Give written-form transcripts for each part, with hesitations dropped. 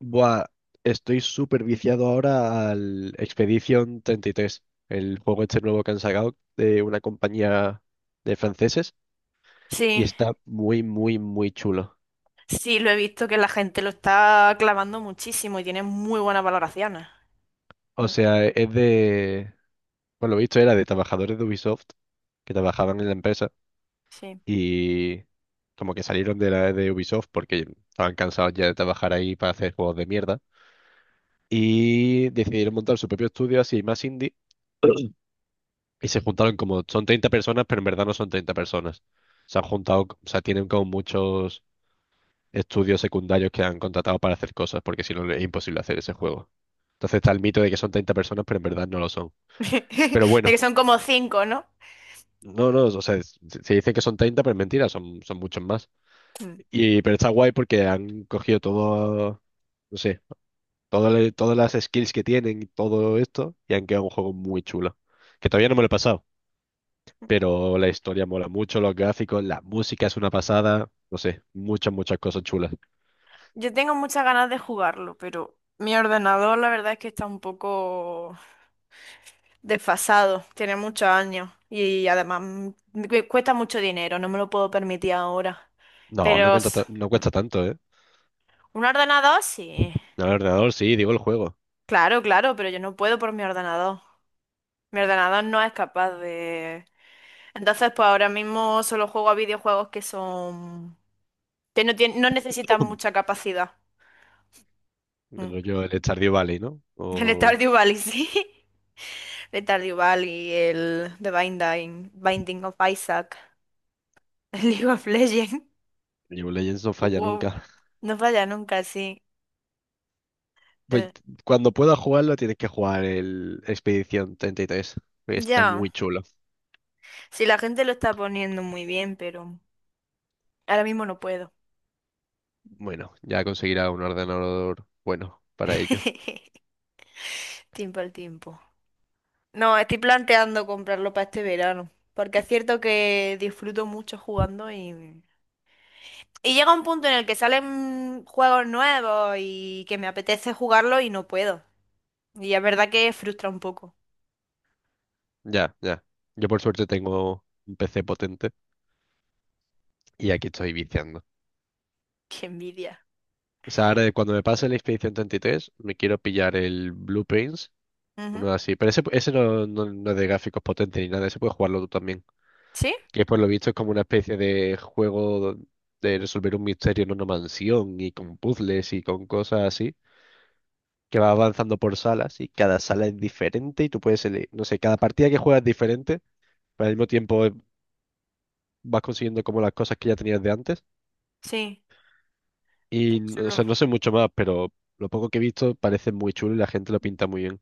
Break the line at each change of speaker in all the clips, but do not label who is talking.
Buah, estoy súper viciado ahora al Expedition 33, el juego este nuevo que han sacado de una compañía de franceses, y
Sí,
está muy, muy, muy chulo.
sí, lo he visto que la gente lo está clavando muchísimo y tiene muy buenas valoraciones.
O
Mm,
sea, es de, por lo visto era de trabajadores de Ubisoft que trabajaban en la empresa
sí.
y como que salieron de la de Ubisoft porque estaban cansados ya de trabajar ahí para hacer juegos de mierda y decidieron montar su propio estudio así más indie. Y se juntaron como, son 30 personas, pero en verdad no son 30 personas. Se han juntado, o sea, tienen como muchos estudios secundarios que han contratado para hacer cosas, porque si no es imposible hacer ese juego. Entonces está el mito de que son 30 personas, pero en verdad no lo son. Pero
De que
bueno,
son como cinco, ¿no?
no, no, o sea, se dice que son 30 pero es mentira, son muchos más.
Mm.
Y, pero está guay porque han cogido todo, no sé, todo, todas las skills que tienen y todo esto, y han quedado un juego muy chulo. Que todavía no me lo he pasado, pero la historia mola mucho, los gráficos, la música es una pasada, no sé, muchas, muchas cosas chulas.
Yo tengo muchas ganas de jugarlo, pero mi ordenador la verdad es que está un poco desfasado, tiene muchos años y además cuesta mucho dinero, no me lo puedo permitir ahora.
No,
Pero s-
no
mm,
cuesta tanto, ¿eh?
un ordenador sí.
No, el ordenador sí, digo el juego.
Claro, claro, pero yo no puedo por mi ordenador. Mi ordenador no es capaz de. Entonces, pues ahora mismo solo juego a videojuegos que no tienen, no necesitan mucha capacidad. Mm.
Bueno, yo el Stardew Valley, ¿no?
El
O
Stardew Valley, sí. El Stardew Valley, el The Binding of Isaac, el League of Legends.
League of Legends no falla
Wow.
nunca.
No falla nunca, sí.
Pues
Eh,
cuando puedas jugarlo tienes que jugar el Expedición 33, que está muy
Ya.
chulo.
Si la gente lo está poniendo muy bien, pero ahora mismo no puedo.
Bueno, ya conseguirá un ordenador bueno para ello.
Tiempo al tiempo. No, estoy planteando comprarlo para este verano. Porque es cierto que disfruto mucho jugando y llega un punto en el que salen juegos nuevos y que me apetece jugarlo y no puedo. Y es verdad que frustra un poco.
Ya, ya. Yo por suerte tengo un PC potente y
Mm,
aquí estoy viciando.
Qué envidia.
O sea, ahora cuando me pase la Expedición 33, me quiero pillar el Blue Prince,
Ujú.
uno así. Pero ese no, no, no es de gráficos potentes ni nada, ese puedes jugarlo tú también.
¿Sí?
Que por lo visto es como una especie de juego de resolver un misterio en una mansión y con puzzles y con cosas así. Que va avanzando por salas y cada sala es diferente y tú puedes elegir, no sé, cada partida que juegas es diferente, pero al mismo tiempo vas consiguiendo como las cosas que ya tenías de antes.
Sí. Qué
Y, o
chulo.
sea, no sé mucho más, pero lo poco que he visto parece muy chulo y la gente lo pinta muy bien.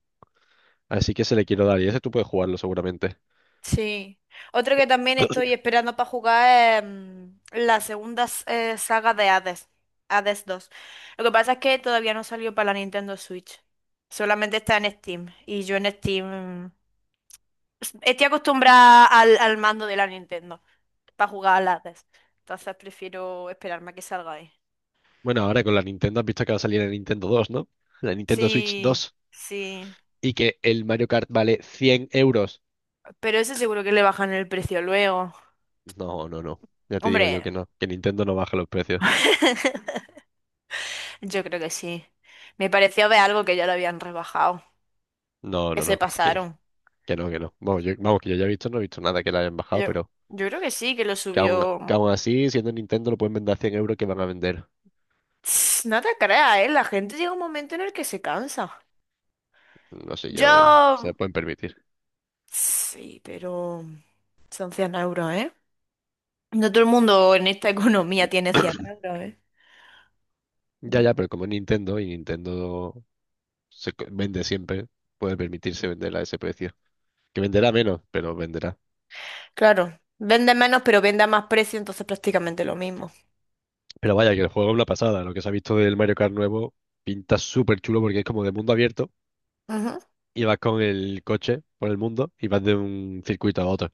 Así que se le quiero dar y ese tú puedes jugarlo seguramente.
Sí. Otro que también estoy esperando para jugar es la segunda saga de Hades. Hades 2. Lo que pasa es que todavía no salió para la Nintendo Switch. Solamente está en Steam. Y yo en Steam estoy acostumbrada al mando de la Nintendo. Para jugar a las Entonces prefiero esperarme a que salga ahí.
Bueno, ahora con la Nintendo has visto que va a salir la Nintendo 2, ¿no? La Nintendo Switch
Sí,
2
sí.
y que el Mario Kart vale 100 euros.
Pero ese seguro que le bajan el precio luego.
No, no, no. Ya te digo yo
Hombre,
que no, que Nintendo no baja los precios.
yo creo que sí. Me pareció ver algo que ya lo habían rebajado.
No,
Que
no,
se
no.
pasaron.
Que no, que no. Vamos, yo, vamos, que yo ya he visto, no he visto nada que la hayan bajado,
Yo,
pero
yo creo que sí, que lo
que aún,
subió.
así, siendo Nintendo, lo pueden vender a 100 € que van a vender.
No te creas, ¿eh? La gente llega un momento en el que se cansa.
No sé yo, ¿eh? Se lo
Yo...
pueden permitir.
Sí, pero. Son 100 euros, ¿eh? No todo el mundo en esta economía tiene 100 euros, ¿eh?
Ya, ya, pero como es Nintendo y Nintendo vende siempre, puede permitirse vender a ese precio. Que venderá menos, pero venderá.
Claro, vende menos pero vende a más precio, entonces prácticamente lo mismo.
Pero vaya, que el juego es una pasada. Lo que se ha visto del Mario Kart nuevo pinta súper chulo porque es como de mundo abierto
Ujú.
y vas con el coche por el mundo y vas de un circuito a otro.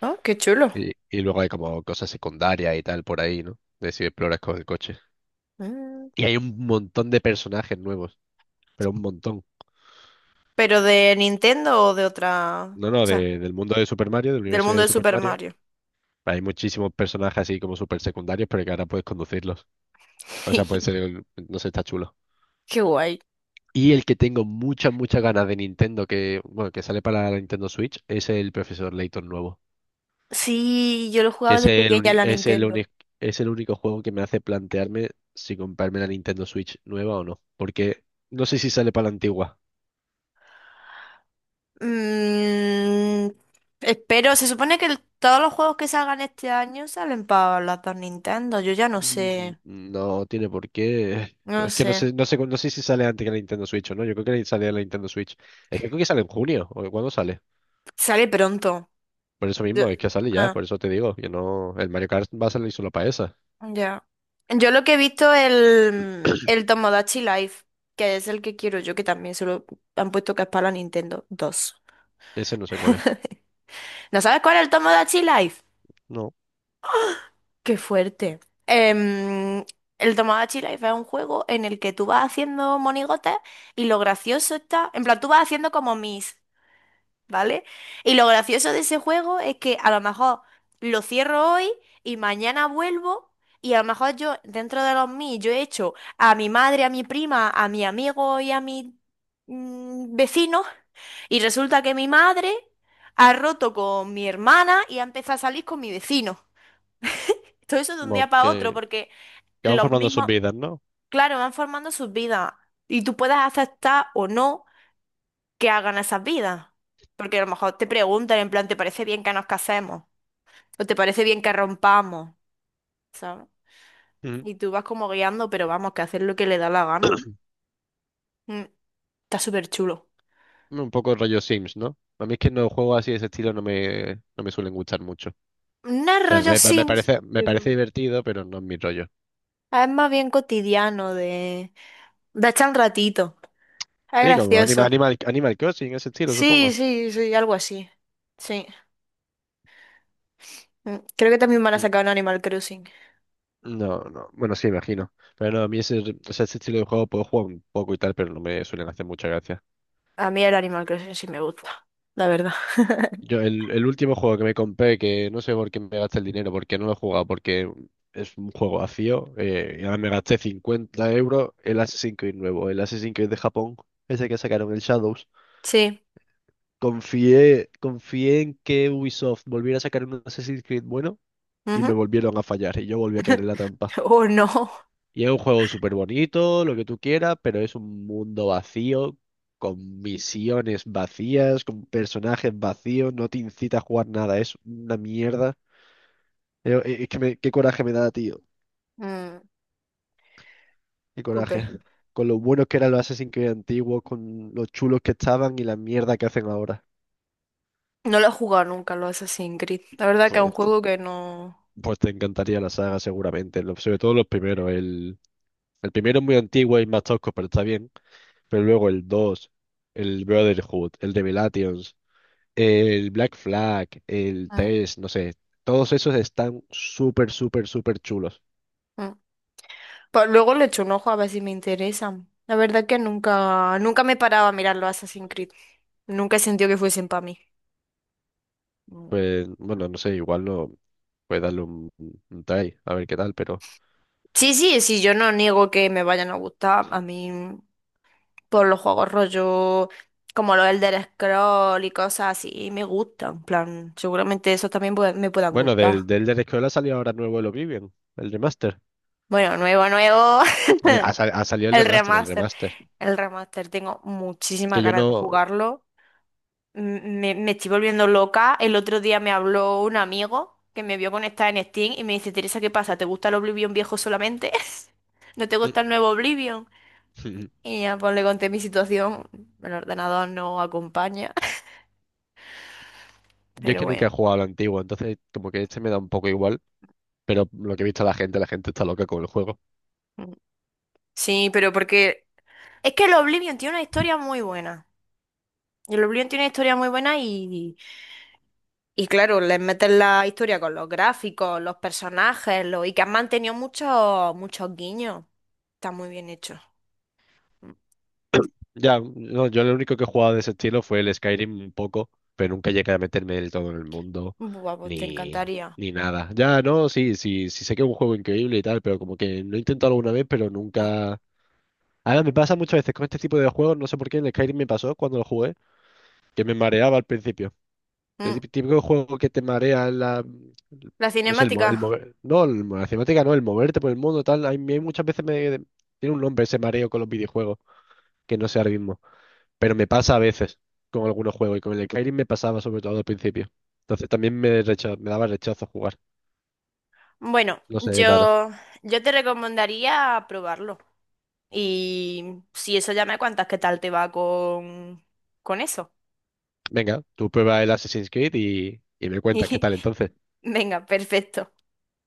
Ah, qué chulo.
Y luego hay como cosas secundarias y tal por ahí, ¿no? De si exploras con el coche.
Mm.
Y hay un montón de personajes nuevos, pero un montón.
¿Pero de Nintendo o de otra?
No,
O
no,
sea,
del mundo de Super Mario, del
del
universo
mundo
de
de
Super
Super
Mario.
Mario.
Hay muchísimos personajes así como super secundarios, pero que ahora puedes conducirlos. O sea, pueden ser, no sé, está chulo.
Qué guay.
Y el que tengo muchas, muchas ganas de Nintendo, que, bueno, que sale para la Nintendo Switch, es el Profesor Layton nuevo.
Sí, yo lo
Que
jugaba
es
de
el,
pequeña en
uni-
la
es el,
Nintendo.
uni- es el único juego que me hace plantearme si comprarme la Nintendo Switch nueva o no. Porque no sé si sale para la antigua.
Mm, Espero, se supone que todos los juegos que salgan este año salen para las dos Nintendo. Yo ya no
Mm,
sé,
no tiene por qué.
no
Es que no
sé.
sé, no sé, no sé si sale antes que la Nintendo Switch o no. Yo creo que sale la Nintendo Switch. Es que creo que sale en junio. ¿O cuándo sale?
Sale pronto.
Por eso
Yo-
mismo, es que sale ya,
ah.
por eso te digo, que no. El Mario Kart va a salir solo para esa.
Ya. Yo lo que he visto el Tomodachi Live, que es el que quiero yo, que también se lo han puesto que es para la Nintendo 2.
Ese no sé cuál es.
¿No sabes cuál es el Tomodachi Live?
No.
¡Qué fuerte! Em, el Tomodachi Life es un juego en el que tú vas haciendo monigotes y lo gracioso está, en plan, tú vas haciendo como mis. ¿Vale? Y lo gracioso de ese juego es que a lo mejor lo cierro hoy y mañana vuelvo y a lo mejor yo, dentro de los mí, yo he hecho a mi madre, a mi prima, a mi amigo y a mi vecino y resulta que mi madre ha roto con mi hermana y ha empezado a salir con mi vecino. Todo eso de un
Como
día para otro
que,
porque
que van
los
formando sus
mismos,
vidas, ¿no?
claro, van formando sus vidas y tú puedes aceptar o no que hagan esas vidas. Porque a lo mejor te preguntan en plan, ¿te parece bien que nos casemos? ¿O te parece bien que rompamos? ¿Sabes?
Ujú.
Y tú vas como guiando, pero vamos, que hacer lo que le da la gana. Mm, Está súper chulo.
Un poco rollo Sims, ¿no? A mí es que los juegos así de ese estilo no me suelen gustar mucho. O
No es
sea,
rollo Sims,
me parece
pero
divertido, pero no es mi rollo.
es más bien cotidiano de echar un ratito. Es
Sí, como Animal,
gracioso.
Animal, Animal Crossing, ese estilo,
Sí,
supongo.
sí, sí, algo así. Sí. Creo que también van a
Mm,
sacar un Animal Crossing.
no, no. Bueno, sí, imagino. Pero no, a mí ese, o sea, ese estilo de juego puedo jugar un poco y tal, pero no me suelen hacer mucha gracia.
A mí el Animal Crossing sí me gusta, la verdad.
Yo, el último juego que me compré, que no sé por qué me gasté el dinero, porque no lo he jugado, porque es un juego vacío, y ahora me gasté 50 € el Assassin's Creed nuevo, el Assassin's Creed de Japón, ese que sacaron, el Shadows.
Sí.
Confié en que Ubisoft volviera a sacar un Assassin's Creed bueno y me
Ujú.
volvieron a fallar y yo volví a caer en la trampa.
Oh, no.
Y es un juego súper bonito, lo que tú quieras, pero es un mundo vacío, con misiones vacías, con personajes vacíos, no te incita a jugar nada, es una mierda. Es que qué coraje me da, tío,
Mm.
qué
Jope.
coraje. Con lo buenos que eran los Assassin's Creed antiguos, con los chulos que estaban y la mierda que hacen ahora.
No lo he jugado nunca, lo Assassin's Creed. La verdad que es un
Pues, te-
juego que no.
pues te encantaría la saga seguramente, sobre todo los primeros. El primero es muy antiguo y más tosco, pero está bien. Pero luego el dos, el Brotherhood, el Revelations. El Black Flag, el
Ah.
Test, no sé, todos esos están súper, súper, súper chulos.
Mm. Pues luego le echo un ojo a ver si me interesan. La verdad que nunca, nunca me he parado a mirar los Assassin's Creed. Nunca he sentido que fuesen para mí. Mm.
Pues, bueno, no sé, igual no puede darle un try, a ver qué tal, pero.
Sí, sí, sí, yo no niego que me vayan a gustar. A mí, por los juegos rollo, como los Elder Scroll y cosas así, me gustan. En plan, seguramente esos también me puedan
Bueno,
gustar.
del de la escuela salió ahora nuevo el Oblivion, el remaster.
Bueno, nuevo, nuevo.
Ha salido el
El
remaster, el
remaster.
remaster.
El remaster. Tengo muchísimas
Que yo
ganas de
no.
jugarlo. Me estoy volviendo loca. El otro día me habló un amigo que me vio conectada en Steam y me dice, Teresa, ¿qué pasa? ¿Te gusta el Oblivion viejo solamente? ¿No te gusta el nuevo Oblivion? Y ya pues le conté mi situación. El ordenador no acompaña.
Yo es
Pero
que nunca
bueno.
he jugado al antiguo, entonces como que este me da un poco igual, pero lo que he visto a la gente está loca con el juego.
Mm. Sí, pero. Porque... Es que el Oblivion tiene una historia muy buena. El Oblivion tiene una historia muy buena y claro, les meten la historia con los gráficos, los personajes, y que han mantenido muchos muchos guiños. Está muy bien hecho. Mm.
Ya, no, yo lo único que he jugado de ese estilo fue el Skyrim un poco, pero nunca llegué a meterme del todo en el mundo,
Buah, pues te
ni,
encantaría.
ni nada. Ya, no, sí, sí, sí sé que es un juego increíble y tal, pero como que lo he intentado alguna vez, pero
Mm.
nunca... Ahora me pasa muchas veces con este tipo de juegos, no sé por qué en el Skyrim me pasó cuando lo jugué, que me mareaba al principio. El
Mm.
típico juego que te marea en la...
La
No sé, el, mo- el
cinemática.
mover... no, la cinemática no, el moverte por el mundo, tal. A mí muchas veces me... Tiene un nombre ese mareo con los videojuegos, que no sé ahora mismo. Pero me pasa a veces con algunos juegos y con el de Skyrim me pasaba sobre todo al principio. Entonces también me daba rechazo jugar.
Bueno,
No sé, es raro.
yo te recomendaría probarlo. Y si eso ya me cuentas qué tal te va con eso.
Venga, tú prueba el Assassin's Creed y me cuentas qué tal entonces.
Venga, perfecto.